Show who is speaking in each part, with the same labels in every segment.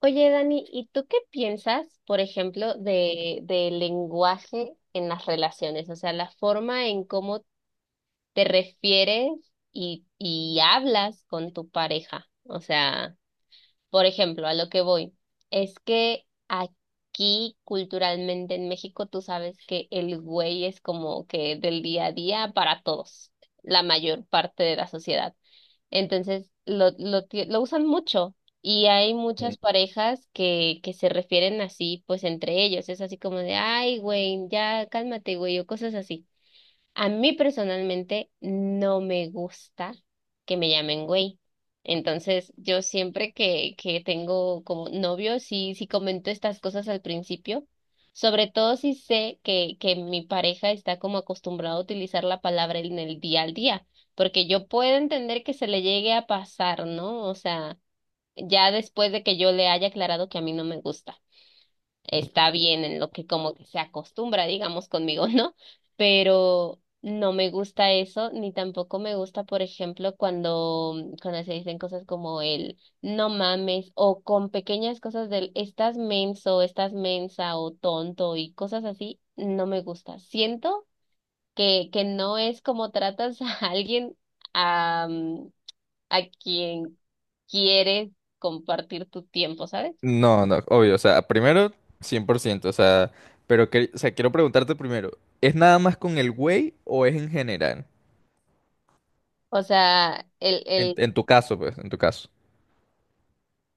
Speaker 1: Oye, Dani, ¿y tú qué piensas, por ejemplo, del lenguaje en las relaciones? O sea, la forma en cómo te refieres y hablas con tu pareja. O sea, por ejemplo, a lo que voy, es que aquí culturalmente en México tú sabes que el güey es como que del día a día para todos, la mayor parte de la sociedad. Entonces lo usan mucho y hay muchas parejas que se refieren así, pues entre ellos. Es así como de, ay, güey, ya cálmate, güey, o cosas así. A mí personalmente no me gusta que me llamen güey. Entonces, yo siempre que tengo como novio, sí, sí comento estas cosas al principio, sobre todo si sé que mi pareja está como acostumbrado a utilizar la palabra en el día al día, porque yo puedo entender que se le llegue a pasar, ¿no? O sea, ya después de que yo le haya aclarado que a mí no me gusta está bien en lo que como que se acostumbra, digamos, conmigo, ¿no? Pero no me gusta eso, ni tampoco me gusta, por ejemplo, cuando se dicen cosas como el no mames, o con pequeñas cosas del estás menso, estás mensa, o tonto, y cosas así, no me gusta. Siento que no es como tratas a alguien a, a quien quieres compartir tu tiempo, ¿sabes?
Speaker 2: No, no, obvio, o sea, primero 100%. O sea, pero quiero preguntarte primero, ¿es nada más con el güey o es en general?
Speaker 1: O sea, el,
Speaker 2: En,
Speaker 1: el,
Speaker 2: en tu caso, pues, en tu caso.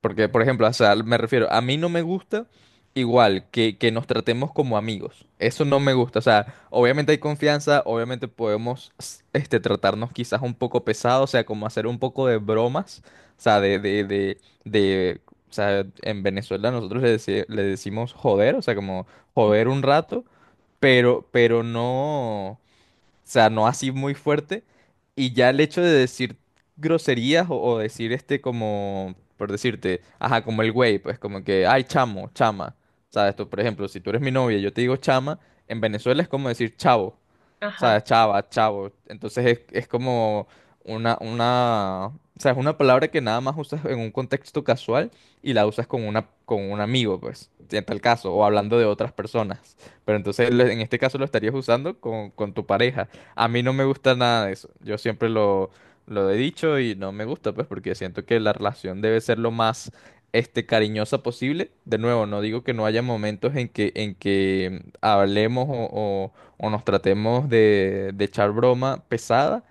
Speaker 2: Porque, por ejemplo, o sea, me refiero, a mí no me gusta igual que nos tratemos como amigos. Eso no me gusta. O sea, obviamente hay confianza, obviamente podemos tratarnos quizás un poco pesado, o sea, como hacer un poco de bromas. O sea, de- o sea, en Venezuela nosotros le decimos joder, o sea, como joder un rato, pero no. O sea, no así muy fuerte. Y ya el hecho de decir groserías o decir este como, por decirte, ajá, como el güey, pues como que, ay, chamo, chama. ¿Sabes? Tú, por ejemplo, si tú eres mi novia y yo te digo chama, en Venezuela es como decir chavo.
Speaker 1: Ajá.
Speaker 2: ¿Sabes? Chava, chavo. Entonces es como o sea, es una palabra que nada más usas en un contexto casual y la usas con una, con un amigo, pues, en tal caso, o hablando de otras personas. Pero entonces en este caso lo estarías usando con tu pareja. A mí no me gusta nada de eso. Yo siempre lo he dicho y no me gusta, pues, porque siento que la relación debe ser lo más, este, cariñosa posible. De nuevo, no digo que no haya momentos en que hablemos o nos tratemos de echar broma pesada.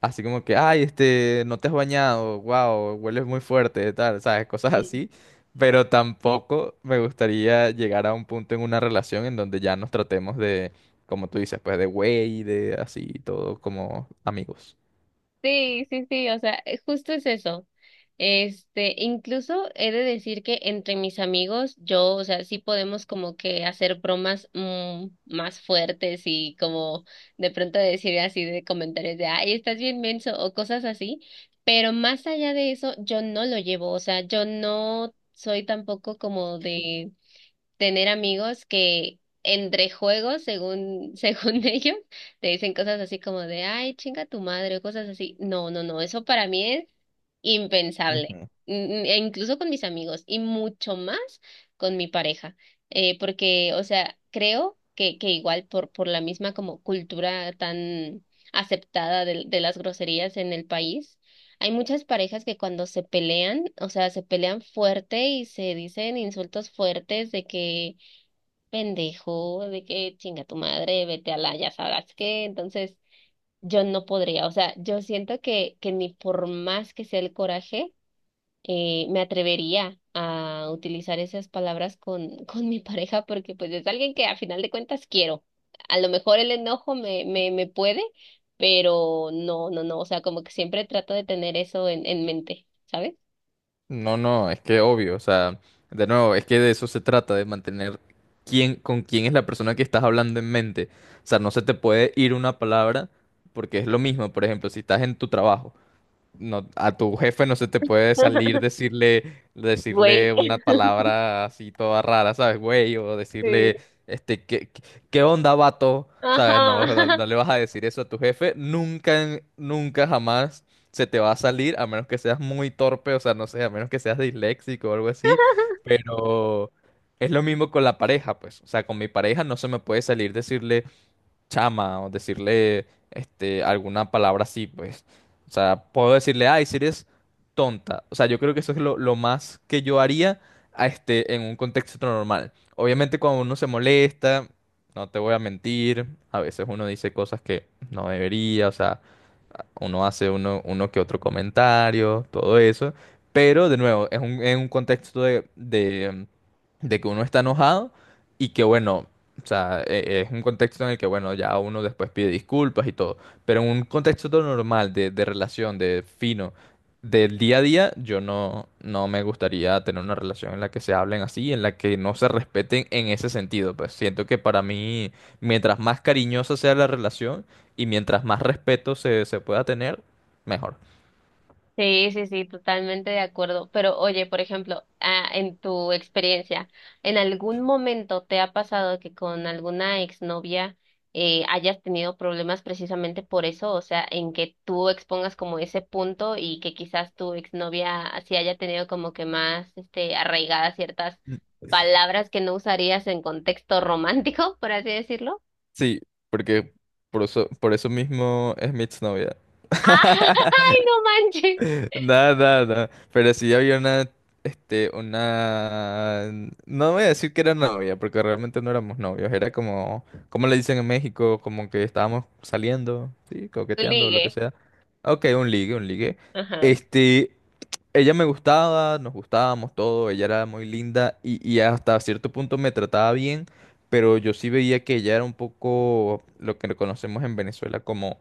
Speaker 2: Así como que, ay, este, no te has bañado, wow, hueles muy fuerte, tal, sabes, cosas así. Pero tampoco me gustaría llegar a un punto en una relación en donde ya nos tratemos de, como tú dices, pues de güey, de así, todo como amigos.
Speaker 1: Sí, sí, sí, o sea, justo es eso. Este, incluso he de decir que entre mis amigos, yo, o sea, sí podemos como que hacer bromas más fuertes y como de pronto decir así de comentarios de, ay, estás bien menso o cosas así, pero más allá de eso, yo no lo llevo, o sea, yo no soy tampoco como de tener amigos que entre juegos, según, según ellos, te dicen cosas así como de, ay, chinga tu madre, o cosas así. No, no, no, eso para mí es impensable.
Speaker 2: Ujú.
Speaker 1: Mm, e incluso con mis amigos y mucho más con mi pareja, porque, o sea, creo que igual por la misma como cultura tan aceptada de las groserías en el país. Hay muchas parejas que cuando se pelean, o sea, se pelean fuerte y se dicen insultos fuertes de que pendejo de que chinga tu madre, vete a la, ya sabrás qué. Entonces, yo no podría, o sea, yo siento que ni por más que sea el coraje, me atrevería a utilizar esas palabras con mi pareja porque pues es alguien que a final de cuentas quiero. A lo mejor el enojo me puede, pero no, no, no, o sea, como que siempre trato de tener eso en mente, ¿sabes?
Speaker 2: No, no, es que obvio, o sea, de nuevo, es que de eso se trata, de mantener quién, con quién es la persona que estás hablando en mente. O sea, no se te puede ir una palabra porque es lo mismo, por ejemplo, si estás en tu trabajo. No, a tu jefe no se te puede salir decirle,
Speaker 1: Güey.
Speaker 2: decirle una palabra así toda rara, ¿sabes, güey? O
Speaker 1: Sí.
Speaker 2: decirle, este, ¿ qué onda, vato?
Speaker 1: Ajá,
Speaker 2: ¿Sabes? No, no, no le vas a decir eso a tu jefe. Nunca, nunca jamás se te va a salir, a menos que seas muy torpe, o sea, no sé, a menos que seas disléxico o algo así. Pero es lo mismo con la pareja, pues. O sea, con mi pareja no se me puede salir decirle chama o decirle este, alguna palabra así, pues. O sea, puedo decirle, ay, si eres tonta. O sea, yo creo que eso es lo más que yo haría en un contexto normal. Obviamente cuando uno se molesta, no te voy a mentir, a veces uno dice cosas que no debería, o sea, uno hace uno que otro comentario, todo eso, pero de nuevo, es un contexto de que uno está enojado y que bueno, o sea, es un contexto en el que bueno, ya uno después pide disculpas y todo, pero en un contexto todo normal de relación, de fino, del día a día, yo no, no me gustaría tener una relación en la que se hablen así, en la que no se respeten en ese sentido, pues siento que para mí, mientras más cariñosa sea la relación, y mientras más respeto se pueda tener, mejor.
Speaker 1: Sí, sí, sí, totalmente de acuerdo. Pero oye, por ejemplo, en tu experiencia, ¿en algún momento te ha pasado que con alguna exnovia hayas tenido problemas precisamente por eso? O sea, en que tú expongas como ese punto y que quizás tu exnovia así haya tenido como que más este, arraigadas ciertas palabras que no usarías en contexto romántico, por así decirlo.
Speaker 2: Sí, porque por eso mismo es mi exnovia.
Speaker 1: ¡Ay, no manches!
Speaker 2: Nada, nada, nada. Pero sí había una, este, una... No voy a decir que era novia, porque realmente no éramos novios. Era como, como le dicen en México, como que estábamos saliendo, sí,
Speaker 1: Tu
Speaker 2: coqueteando, lo que
Speaker 1: ligue.
Speaker 2: sea. Ok, un ligue, un ligue.
Speaker 1: Ajá.
Speaker 2: Este, ella me gustaba, nos gustábamos todo, ella era muy linda y hasta cierto punto me trataba bien, pero yo sí veía que ella era un poco lo que conocemos en Venezuela como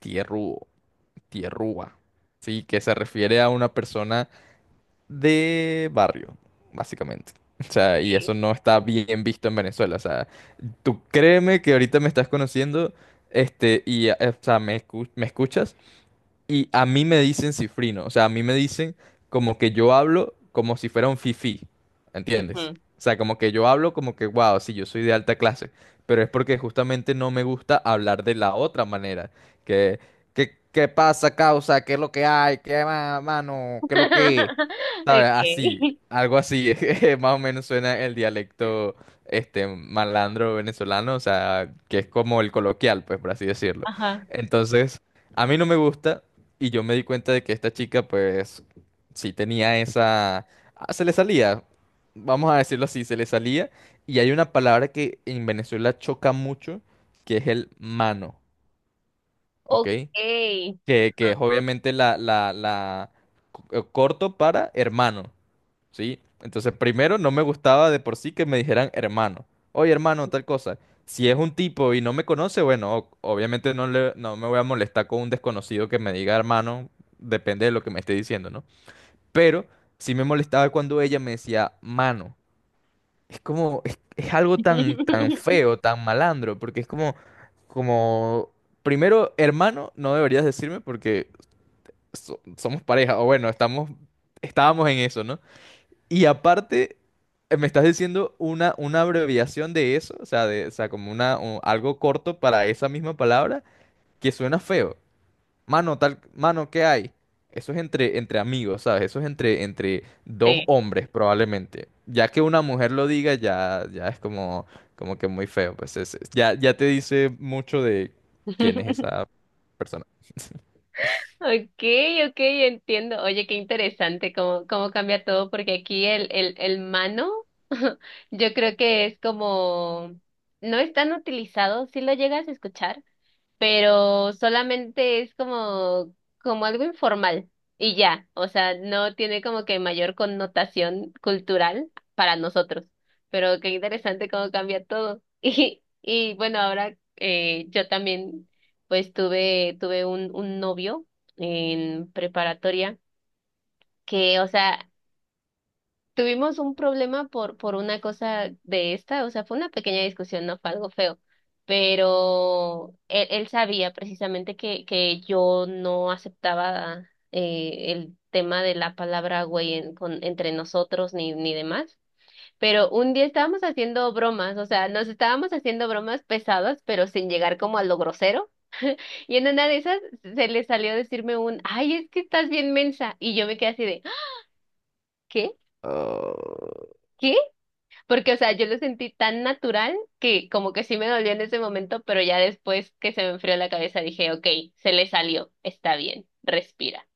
Speaker 2: tierrúo, tierrúa, sí, que se refiere a una persona de barrio, básicamente. O sea, y
Speaker 1: Sí.
Speaker 2: eso no está bien visto en Venezuela, o sea, tú créeme que ahorita me estás conociendo, este, y, o sea, me escuchas. Y a mí me dicen cifrino, o sea, a mí me dicen como que yo hablo como si fuera un fifí, ¿entiendes?
Speaker 1: Ujú.
Speaker 2: O sea, como que yo hablo como que, wow, sí, yo soy de alta clase, pero es porque justamente no me gusta hablar de la otra manera, que, ¿qué pasa, causa? ¿Qué es lo que hay? ¿Qué más, mano? ¿Qué es lo que... ¿Sabes? Así,
Speaker 1: Okay.
Speaker 2: algo así, más o menos suena el dialecto, este, malandro venezolano, o sea, que es como el coloquial, pues, por así decirlo.
Speaker 1: Ajá.
Speaker 2: Entonces... a mí no me gusta, y yo me di cuenta de que esta chica, pues, sí tenía esa... Ah, se le salía, vamos a decirlo así, se le salía. Y hay una palabra que en Venezuela choca mucho, que es el mano, ¿ok?
Speaker 1: Ok.
Speaker 2: Que
Speaker 1: Ajá.
Speaker 2: es obviamente corto para hermano. ¿Sí? Entonces, primero, no me gustaba de por sí que me dijeran hermano. Oye, hermano, tal cosa. Si es un tipo y no me conoce, bueno, obviamente no me voy a molestar con un desconocido que me diga hermano, depende de lo que me esté diciendo, ¿no? Pero sí me molestaba cuando ella me decía mano. Es como, es algo tan, tan feo, tan malandro, porque es como, como, primero, hermano, no deberías decirme porque somos pareja, o bueno, estamos, estábamos en eso, ¿no? Y aparte, me estás diciendo una abreviación de eso, o sea, de, o sea, como una, algo corto para esa misma palabra, que suena feo. Mano, tal, mano, ¿qué hay? Eso es entre amigos, ¿sabes? Eso es entre dos
Speaker 1: Sí.
Speaker 2: hombres, probablemente. Ya que una mujer lo diga, ya, ya es como, como que muy feo. Pues ya, ya te dice mucho de quién es esa persona.
Speaker 1: Okay, okay, entiendo. Oye, qué interesante cómo, cómo cambia todo, porque aquí el mano, yo creo que es como, no es tan utilizado, si lo llegas a escuchar. Pero solamente es como, como algo informal y ya, o sea, no tiene como que mayor connotación cultural para nosotros, pero qué interesante cómo cambia todo. Y, y bueno, ahora yo también pues tuve un novio en preparatoria que, o sea, tuvimos un problema por una cosa de esta, o sea, fue una pequeña discusión, no fue algo feo, pero él sabía precisamente que yo no aceptaba el tema de la palabra güey en- con, entre nosotros ni demás, pero un día estábamos haciendo bromas, o sea, nos estábamos haciendo bromas pesadas, pero sin llegar como a lo grosero, y en una de esas se le salió decirme un, ay, es que estás bien mensa, y yo me quedé así de, ¿qué? ¿Qué? Porque, o sea, yo lo sentí tan natural que como que sí me dolió en ese momento, pero ya después que se me enfrió la cabeza dije, ok, se le salió, está bien, respira.